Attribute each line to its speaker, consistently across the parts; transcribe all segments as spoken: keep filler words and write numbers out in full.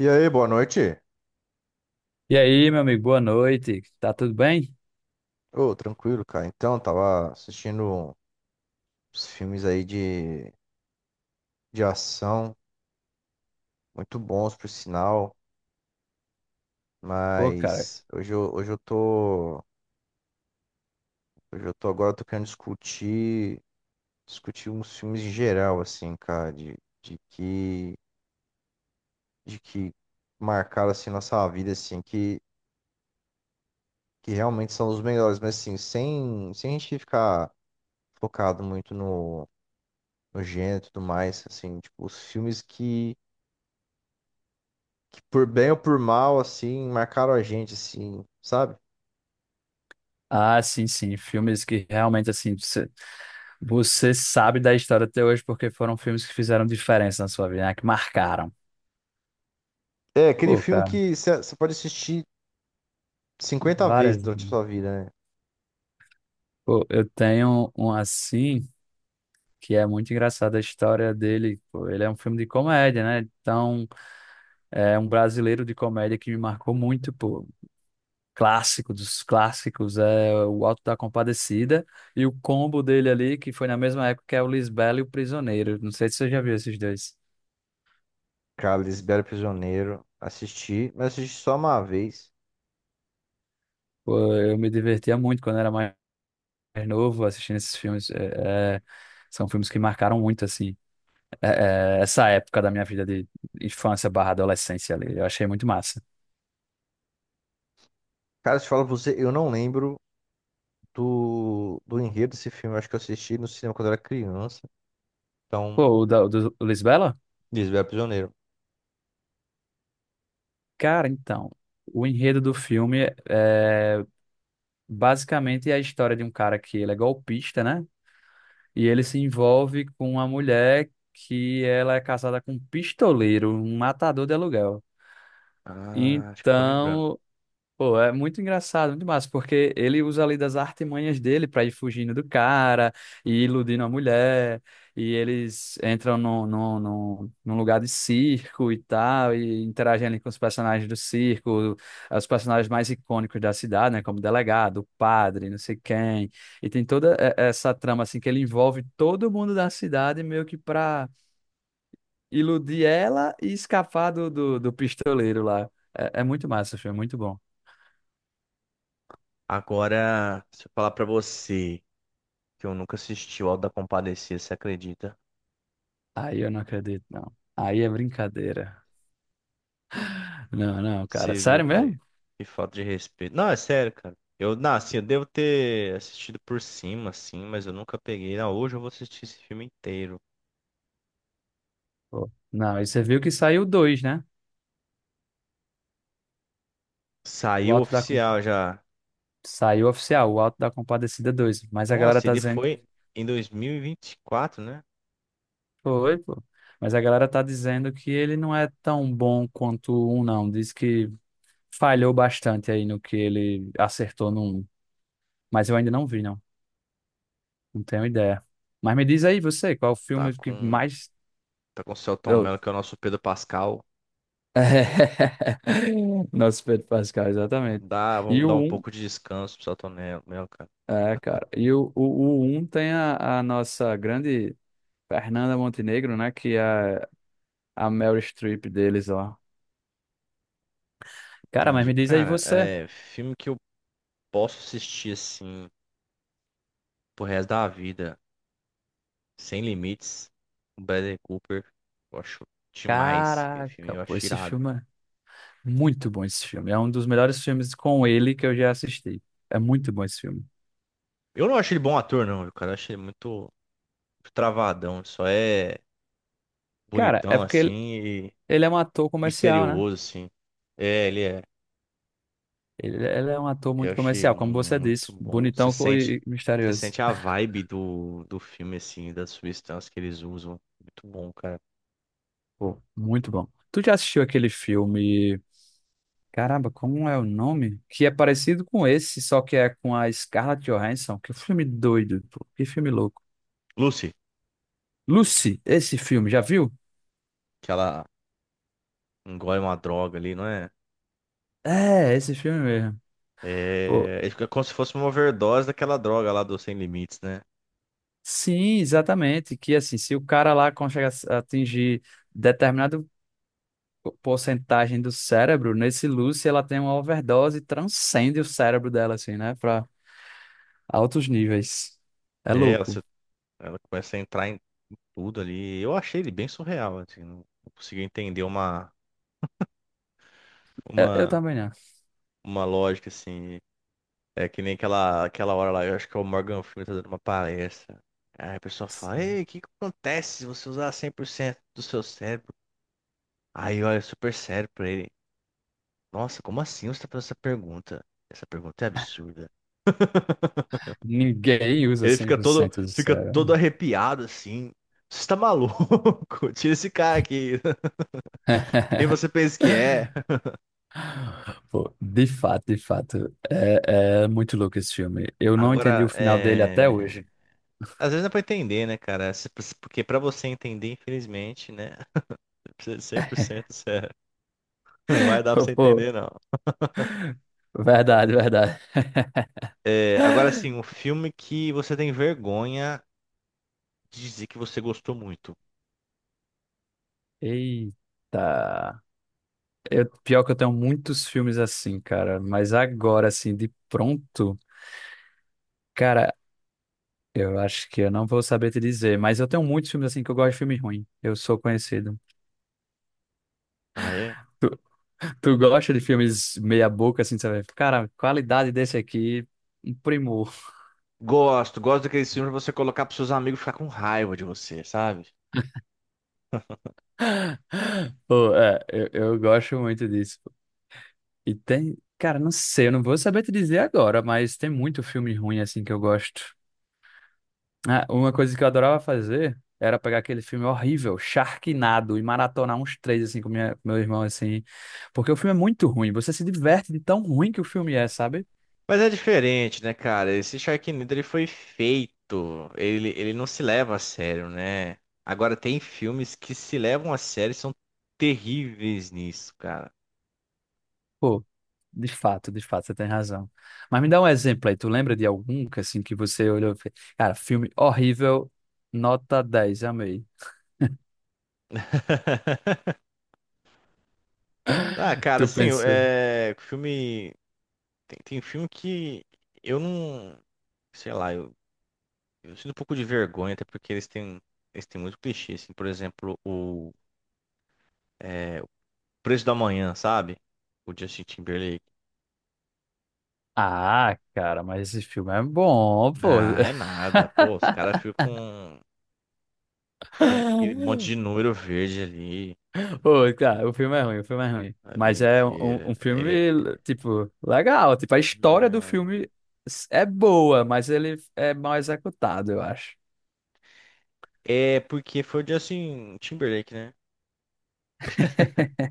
Speaker 1: E aí, boa noite.
Speaker 2: E aí, meu amigo, boa noite. Tá tudo bem?
Speaker 1: Ô, tranquilo, cara. Então, tava assistindo uns filmes aí de, de ação, muito bons, por sinal,
Speaker 2: Pô, cara.
Speaker 1: mas hoje eu, hoje eu tô, hoje eu tô agora, eu tô querendo discutir, discutir uns filmes em geral, assim, cara, de, de que, de que marcaram, assim, nossa vida, assim, que, que realmente são os melhores, mas, assim, sem, sem a gente ficar focado muito no, no gênero e tudo mais, assim, tipo, os filmes que que por bem ou por mal, assim, marcaram a gente, assim, sabe?
Speaker 2: Ah, sim, sim. Filmes que realmente, assim, você, você sabe da história até hoje porque foram filmes que fizeram diferença na sua vida, né? Que marcaram.
Speaker 1: É aquele
Speaker 2: Pô,
Speaker 1: filme
Speaker 2: cara,
Speaker 1: que você pode assistir cinquenta vezes
Speaker 2: várias.
Speaker 1: durante a sua vida, né?
Speaker 2: Pô, eu tenho um assim que é muito engraçado a história dele. Pô, ele é um filme de comédia, né? Então, é um brasileiro de comédia que me marcou muito, pô. Clássico dos clássicos, é o Alto da Compadecida e o combo dele ali, que foi na mesma época que é o Lisbela e o Prisioneiro. Não sei se você já viu esses dois.
Speaker 1: Cara, Lisbela e o Prisioneiro, assisti, mas assisti só uma vez.
Speaker 2: Pô, eu me divertia muito quando era mais novo assistindo esses filmes. É, é, são filmes que marcaram muito, assim, é, é, essa época da minha vida de infância barra adolescência ali. Eu achei muito massa.
Speaker 1: Cara, se eu falo pra você, eu não lembro do, do enredo desse filme. Eu acho que eu assisti no cinema quando eu era criança. Então,
Speaker 2: Pô, o, da, o do Lisbela?
Speaker 1: Lisbela e o Prisioneiro.
Speaker 2: Cara, então. O enredo do filme é basicamente é a história de um cara que ele é golpista, né? E ele se envolve com uma mulher que ela é casada com um pistoleiro, um matador de aluguel.
Speaker 1: Ah, acho que eu tô lembrando.
Speaker 2: Então, pô, é muito engraçado, muito massa, porque ele usa ali das artimanhas dele pra ir fugindo do cara e iludindo a mulher, e eles entram num, num, num, num lugar de circo e tal, e interagem ali com os personagens do circo, os personagens mais icônicos da cidade, né, como o delegado, o padre, não sei quem, e tem toda eh, essa trama, assim, que ele envolve todo mundo da cidade meio que pra iludir ela e escapar do, do, do pistoleiro lá. É, é muito massa, o filme, é muito bom.
Speaker 1: Agora, se eu falar pra você que eu nunca assisti o Auto da Compadecida, você acredita?
Speaker 2: Aí eu não acredito, não. Aí é brincadeira. Não, não, cara.
Speaker 1: Você viu,
Speaker 2: Sério
Speaker 1: cara?
Speaker 2: mesmo?
Speaker 1: Que falta de respeito. Não, é sério, cara. Eu, não, assim, eu devo ter assistido por cima, assim, mas eu nunca peguei. Não, hoje eu vou assistir esse filme inteiro.
Speaker 2: Pô. Não, e você viu que saiu dois, né? O
Speaker 1: Saiu
Speaker 2: Auto da... Com-
Speaker 1: oficial já.
Speaker 2: Saiu oficial, o Auto da Compadecida dois. Mas a galera
Speaker 1: Nossa,
Speaker 2: tá
Speaker 1: ele
Speaker 2: dizendo.
Speaker 1: foi em dois mil e e vinte e quatro, né?
Speaker 2: Foi, pô. Mas a galera tá dizendo que ele não é tão bom quanto o um, não. Diz que falhou bastante aí no que ele acertou no um. Mas eu ainda não vi, não. Não tenho ideia. Mas me diz aí você, qual o
Speaker 1: Tá
Speaker 2: filme que
Speaker 1: com,
Speaker 2: mais.
Speaker 1: tá com o Selton
Speaker 2: Eu-
Speaker 1: Mello, que é o nosso Pedro Pascal.
Speaker 2: Nosso Pedro Pascal, exatamente.
Speaker 1: Dá,
Speaker 2: E
Speaker 1: vamos dar
Speaker 2: o
Speaker 1: um
Speaker 2: um,
Speaker 1: pouco de descanso pro Selton Mel- Mello, cara.
Speaker 2: é, cara, e o, o, o um tem a, a nossa grande Fernanda Montenegro, né? Que é a Meryl Streep deles lá. Cara, mas
Speaker 1: Entendi.
Speaker 2: me diz aí
Speaker 1: Cara,
Speaker 2: você.
Speaker 1: é filme que eu posso assistir, assim, pro resto da vida. Sem Limites, o Bradley Cooper, eu acho demais. Aquele filme
Speaker 2: Caraca,
Speaker 1: eu
Speaker 2: pô,
Speaker 1: acho
Speaker 2: esse
Speaker 1: irado.
Speaker 2: filme é muito bom esse filme. É um dos melhores filmes com ele que eu já assisti. É muito bom esse filme.
Speaker 1: Eu não acho ele bom ator, não, viu, cara. Eu acho ele muito, muito travadão. Ele só é
Speaker 2: Cara, é
Speaker 1: bonitão,
Speaker 2: porque ele,
Speaker 1: assim, e
Speaker 2: ele é um ator comercial, né?
Speaker 1: misterioso, assim. É, ele é.
Speaker 2: Ele, ele é um ator
Speaker 1: Eu
Speaker 2: muito
Speaker 1: achei
Speaker 2: comercial, como você
Speaker 1: muito
Speaker 2: disse.
Speaker 1: bom. Você
Speaker 2: Bonitão
Speaker 1: sente,
Speaker 2: e e
Speaker 1: você
Speaker 2: misterioso.
Speaker 1: sente a vibe do, do filme, assim, das substâncias que eles usam. Muito bom, cara.
Speaker 2: Pô, muito bom. Tu já assistiu aquele filme? Caramba, como é o nome? Que é parecido com esse, só que é com a Scarlett Johansson. Que filme doido, pô. Que filme louco.
Speaker 1: Lucy,
Speaker 2: Lucy, esse filme, já viu?
Speaker 1: que ela engole uma droga ali, não é?
Speaker 2: É, esse filme mesmo. Pô,
Speaker 1: É, é como se fosse uma overdose daquela droga lá do Sem Limites, né?
Speaker 2: sim, exatamente. Que assim, se o cara lá consegue as- atingir determinada porcentagem do cérebro, nesse Lucy ela tem uma overdose e transcende o cérebro dela, assim, né? Pra altos níveis. É
Speaker 1: É, ela
Speaker 2: louco.
Speaker 1: Ela começa a entrar em tudo ali. Eu achei ele bem surreal, assim, não não consegui entender uma,
Speaker 2: Eu, eu
Speaker 1: uma,
Speaker 2: também não.
Speaker 1: uma lógica, assim. É que nem aquela, aquela hora lá, eu acho que é o Morgan Freeman tá dando uma palestra. Aí a pessoa fala, ei, o que que acontece se você usar cem por cento do seu cérebro? Aí olha super sério pra ele. Nossa, como assim você tá fazendo essa pergunta? Essa pergunta é absurda.
Speaker 2: Ninguém usa
Speaker 1: Ele
Speaker 2: cem
Speaker 1: fica
Speaker 2: por
Speaker 1: todo,
Speaker 2: cento do
Speaker 1: fica todo
Speaker 2: cérebro.
Speaker 1: arrepiado, assim. Você tá maluco? Tira esse cara aqui. Quem você pensa que é?
Speaker 2: Pô, de fato, de fato, é, é muito louco esse filme. Eu não entendi o
Speaker 1: Agora,
Speaker 2: final dele até
Speaker 1: é...
Speaker 2: hoje.
Speaker 1: às vezes dá pra entender, né, cara? Se- Porque pra você entender, infelizmente, né? Precisa de cem por cento sério. Não vai dar pra você
Speaker 2: Pô,
Speaker 1: entender, não.
Speaker 2: verdade, verdade.
Speaker 1: É, agora, assim, um filme que você tem vergonha de dizer que você gostou muito.
Speaker 2: Eita. Eu, pior que eu tenho muitos filmes assim, cara, mas agora, assim, de pronto, cara, eu acho que eu não vou saber te dizer, mas eu tenho muitos filmes assim que eu gosto de filme ruim. Eu sou conhecido.
Speaker 1: Ah, é?
Speaker 2: Tu, tu gosta de filmes meia boca, assim, sabe? Cara, qualidade desse aqui, um primor.
Speaker 1: Gosto, gosto daqueles filmes pra você colocar pros seus amigos ficar com raiva de você, sabe?
Speaker 2: Pô, é, eu, eu gosto muito disso. E tem, cara, não sei, eu não vou saber te dizer agora, mas tem muito filme ruim assim que eu gosto. Ah, uma coisa que eu adorava fazer era pegar aquele filme horrível, Sharknado, e maratonar uns três assim com minha, com meu irmão assim, porque o filme é muito ruim, você se diverte de tão ruim que o filme é, sabe?
Speaker 1: Mas é diferente, né, cara? Esse Sharknado ele foi feito, ele, ele não se leva a sério, né? Agora tem filmes que se levam a sério e são terríveis nisso, cara.
Speaker 2: Pô, de fato, de fato, você tem razão. Mas me dá um exemplo aí, tu lembra de algum que assim que você olhou, e fez, cara, filme horrível, nota dez amei.
Speaker 1: Ah, cara,
Speaker 2: Tu
Speaker 1: assim, eu-
Speaker 2: pensou?
Speaker 1: é, filme tem, tem filme que eu não, sei lá, eu, eu sinto um pouco de vergonha, até porque eles têm eles têm muito clichê, assim, por exemplo, o é, Preço da Manhã, sabe? O Justin Timberlake.
Speaker 2: Ah, cara, mas esse filme é bom, pô.
Speaker 1: Ah, é nada, pô, os caras ficam Aquele, aquele monte de número verde ali
Speaker 2: Pô, cara, o filme é ruim, o filme é ruim.
Speaker 1: a vida
Speaker 2: Mas é um,
Speaker 1: inteira.
Speaker 2: um
Speaker 1: Ele.
Speaker 2: filme, tipo, legal. Tipo, a história do
Speaker 1: Não.
Speaker 2: filme é boa, mas ele é mal executado, eu acho.
Speaker 1: É porque foi o Justin Timberlake, né?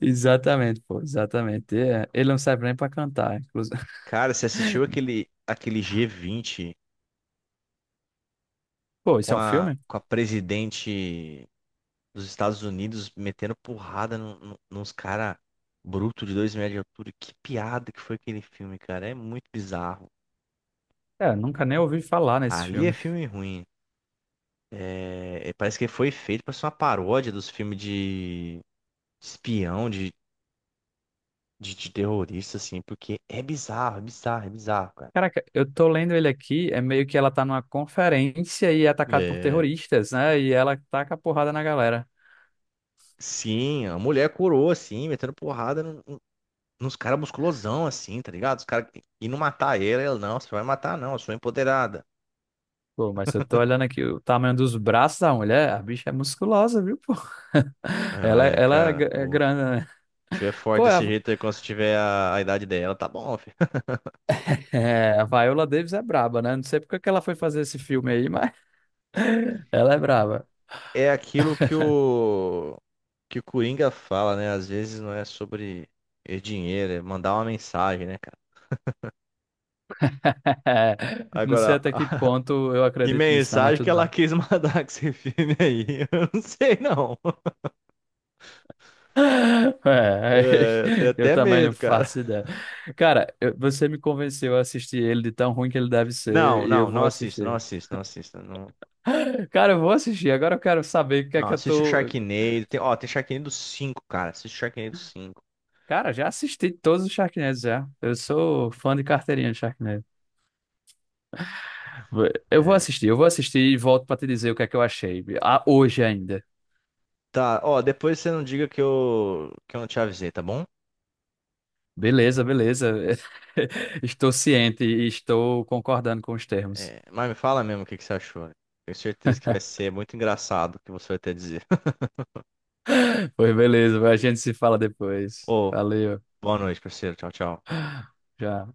Speaker 2: Exatamente, pô, exatamente. É, ele não serve nem pra cantar, inclusive.
Speaker 1: Cara, você assistiu aquele, aquele G vinte
Speaker 2: Pô,
Speaker 1: com
Speaker 2: isso é um
Speaker 1: a,
Speaker 2: filme?
Speaker 1: com a presidente dos Estados Unidos metendo porrada num- num- nos cara bruto de dois metros de altura? Que piada que foi aquele filme, cara. É muito bizarro.
Speaker 2: É, nunca nem ouvi falar nesse
Speaker 1: Ali é
Speaker 2: filme.
Speaker 1: filme ruim. É, é, parece que foi feito para ser uma paródia dos filmes de espião, de de, de terrorista, assim, porque é bizarro, é bizarro, é bizarro, cara.
Speaker 2: Caraca, eu tô lendo ele aqui, é meio que ela tá numa conferência e é atacada por
Speaker 1: É,
Speaker 2: terroristas, né? E ela taca a porrada na galera.
Speaker 1: sim, a mulher curou, assim, metendo porrada no- no- nos caras musculosão, assim, tá ligado? Os caras indo matar ele, ela, não, você vai matar, não, eu sou empoderada.
Speaker 2: Pô, mas eu tô olhando aqui o tamanho dos braços da mulher, a bicha é musculosa, viu, pô?
Speaker 1: Aí ela
Speaker 2: Ela, é,
Speaker 1: é,
Speaker 2: ela é
Speaker 1: cara,
Speaker 2: gra- é
Speaker 1: pô, se
Speaker 2: grande, né?
Speaker 1: tiver forte
Speaker 2: Pô, a,
Speaker 1: desse jeito aí, quando você tiver a, a idade dela, tá bom, filho.
Speaker 2: é, a Viola Davis é braba, né? Não sei porque que que ela foi fazer esse filme aí, mas ela é braba.
Speaker 1: É aquilo que o, que o Coringa fala, né? Às vezes não é sobre é dinheiro, é mandar uma mensagem, né, cara?
Speaker 2: Não sei
Speaker 1: Agora,
Speaker 2: até que ponto eu
Speaker 1: que
Speaker 2: acredito nisso, não, mas
Speaker 1: mensagem que
Speaker 2: tudo
Speaker 1: ela
Speaker 2: bem.
Speaker 1: quis mandar com esse filme aí? Eu não sei, não.
Speaker 2: É,
Speaker 1: É, eu tenho
Speaker 2: eu
Speaker 1: até
Speaker 2: também não
Speaker 1: medo, cara.
Speaker 2: faço ideia. Cara, eu- você me convenceu a assistir ele de tão ruim que ele deve
Speaker 1: Não,
Speaker 2: ser e eu
Speaker 1: não, não
Speaker 2: vou
Speaker 1: assista, não
Speaker 2: assistir.
Speaker 1: assista, não assista. Não,
Speaker 2: Cara, eu vou assistir. Agora eu quero saber o que é
Speaker 1: não
Speaker 2: que eu
Speaker 1: assiste o
Speaker 2: tô.
Speaker 1: Sharknado. Tem, ó, tem Sharknado cinco, cara. Assiste o Sharknado cinco.
Speaker 2: Cara, já assisti todos os Sharknados já. Eu sou fã de carteirinha de Sharknado. Vou- Eu vou
Speaker 1: É.
Speaker 2: assistir, eu vou assistir e volto pra te dizer o que é que eu achei. Ah, hoje ainda.
Speaker 1: Tá, ó, depois você não diga que eu, que eu não te avisei, tá bom?
Speaker 2: Beleza, beleza. Estou ciente e estou concordando com os termos.
Speaker 1: É, mas me fala mesmo o que, que você achou. Tenho certeza que vai ser muito engraçado o que você vai ter a dizer.
Speaker 2: Pois beleza, a gente se fala depois.
Speaker 1: Ô,
Speaker 2: Valeu.
Speaker 1: boa noite, parceiro. Tchau, tchau.
Speaker 2: Já.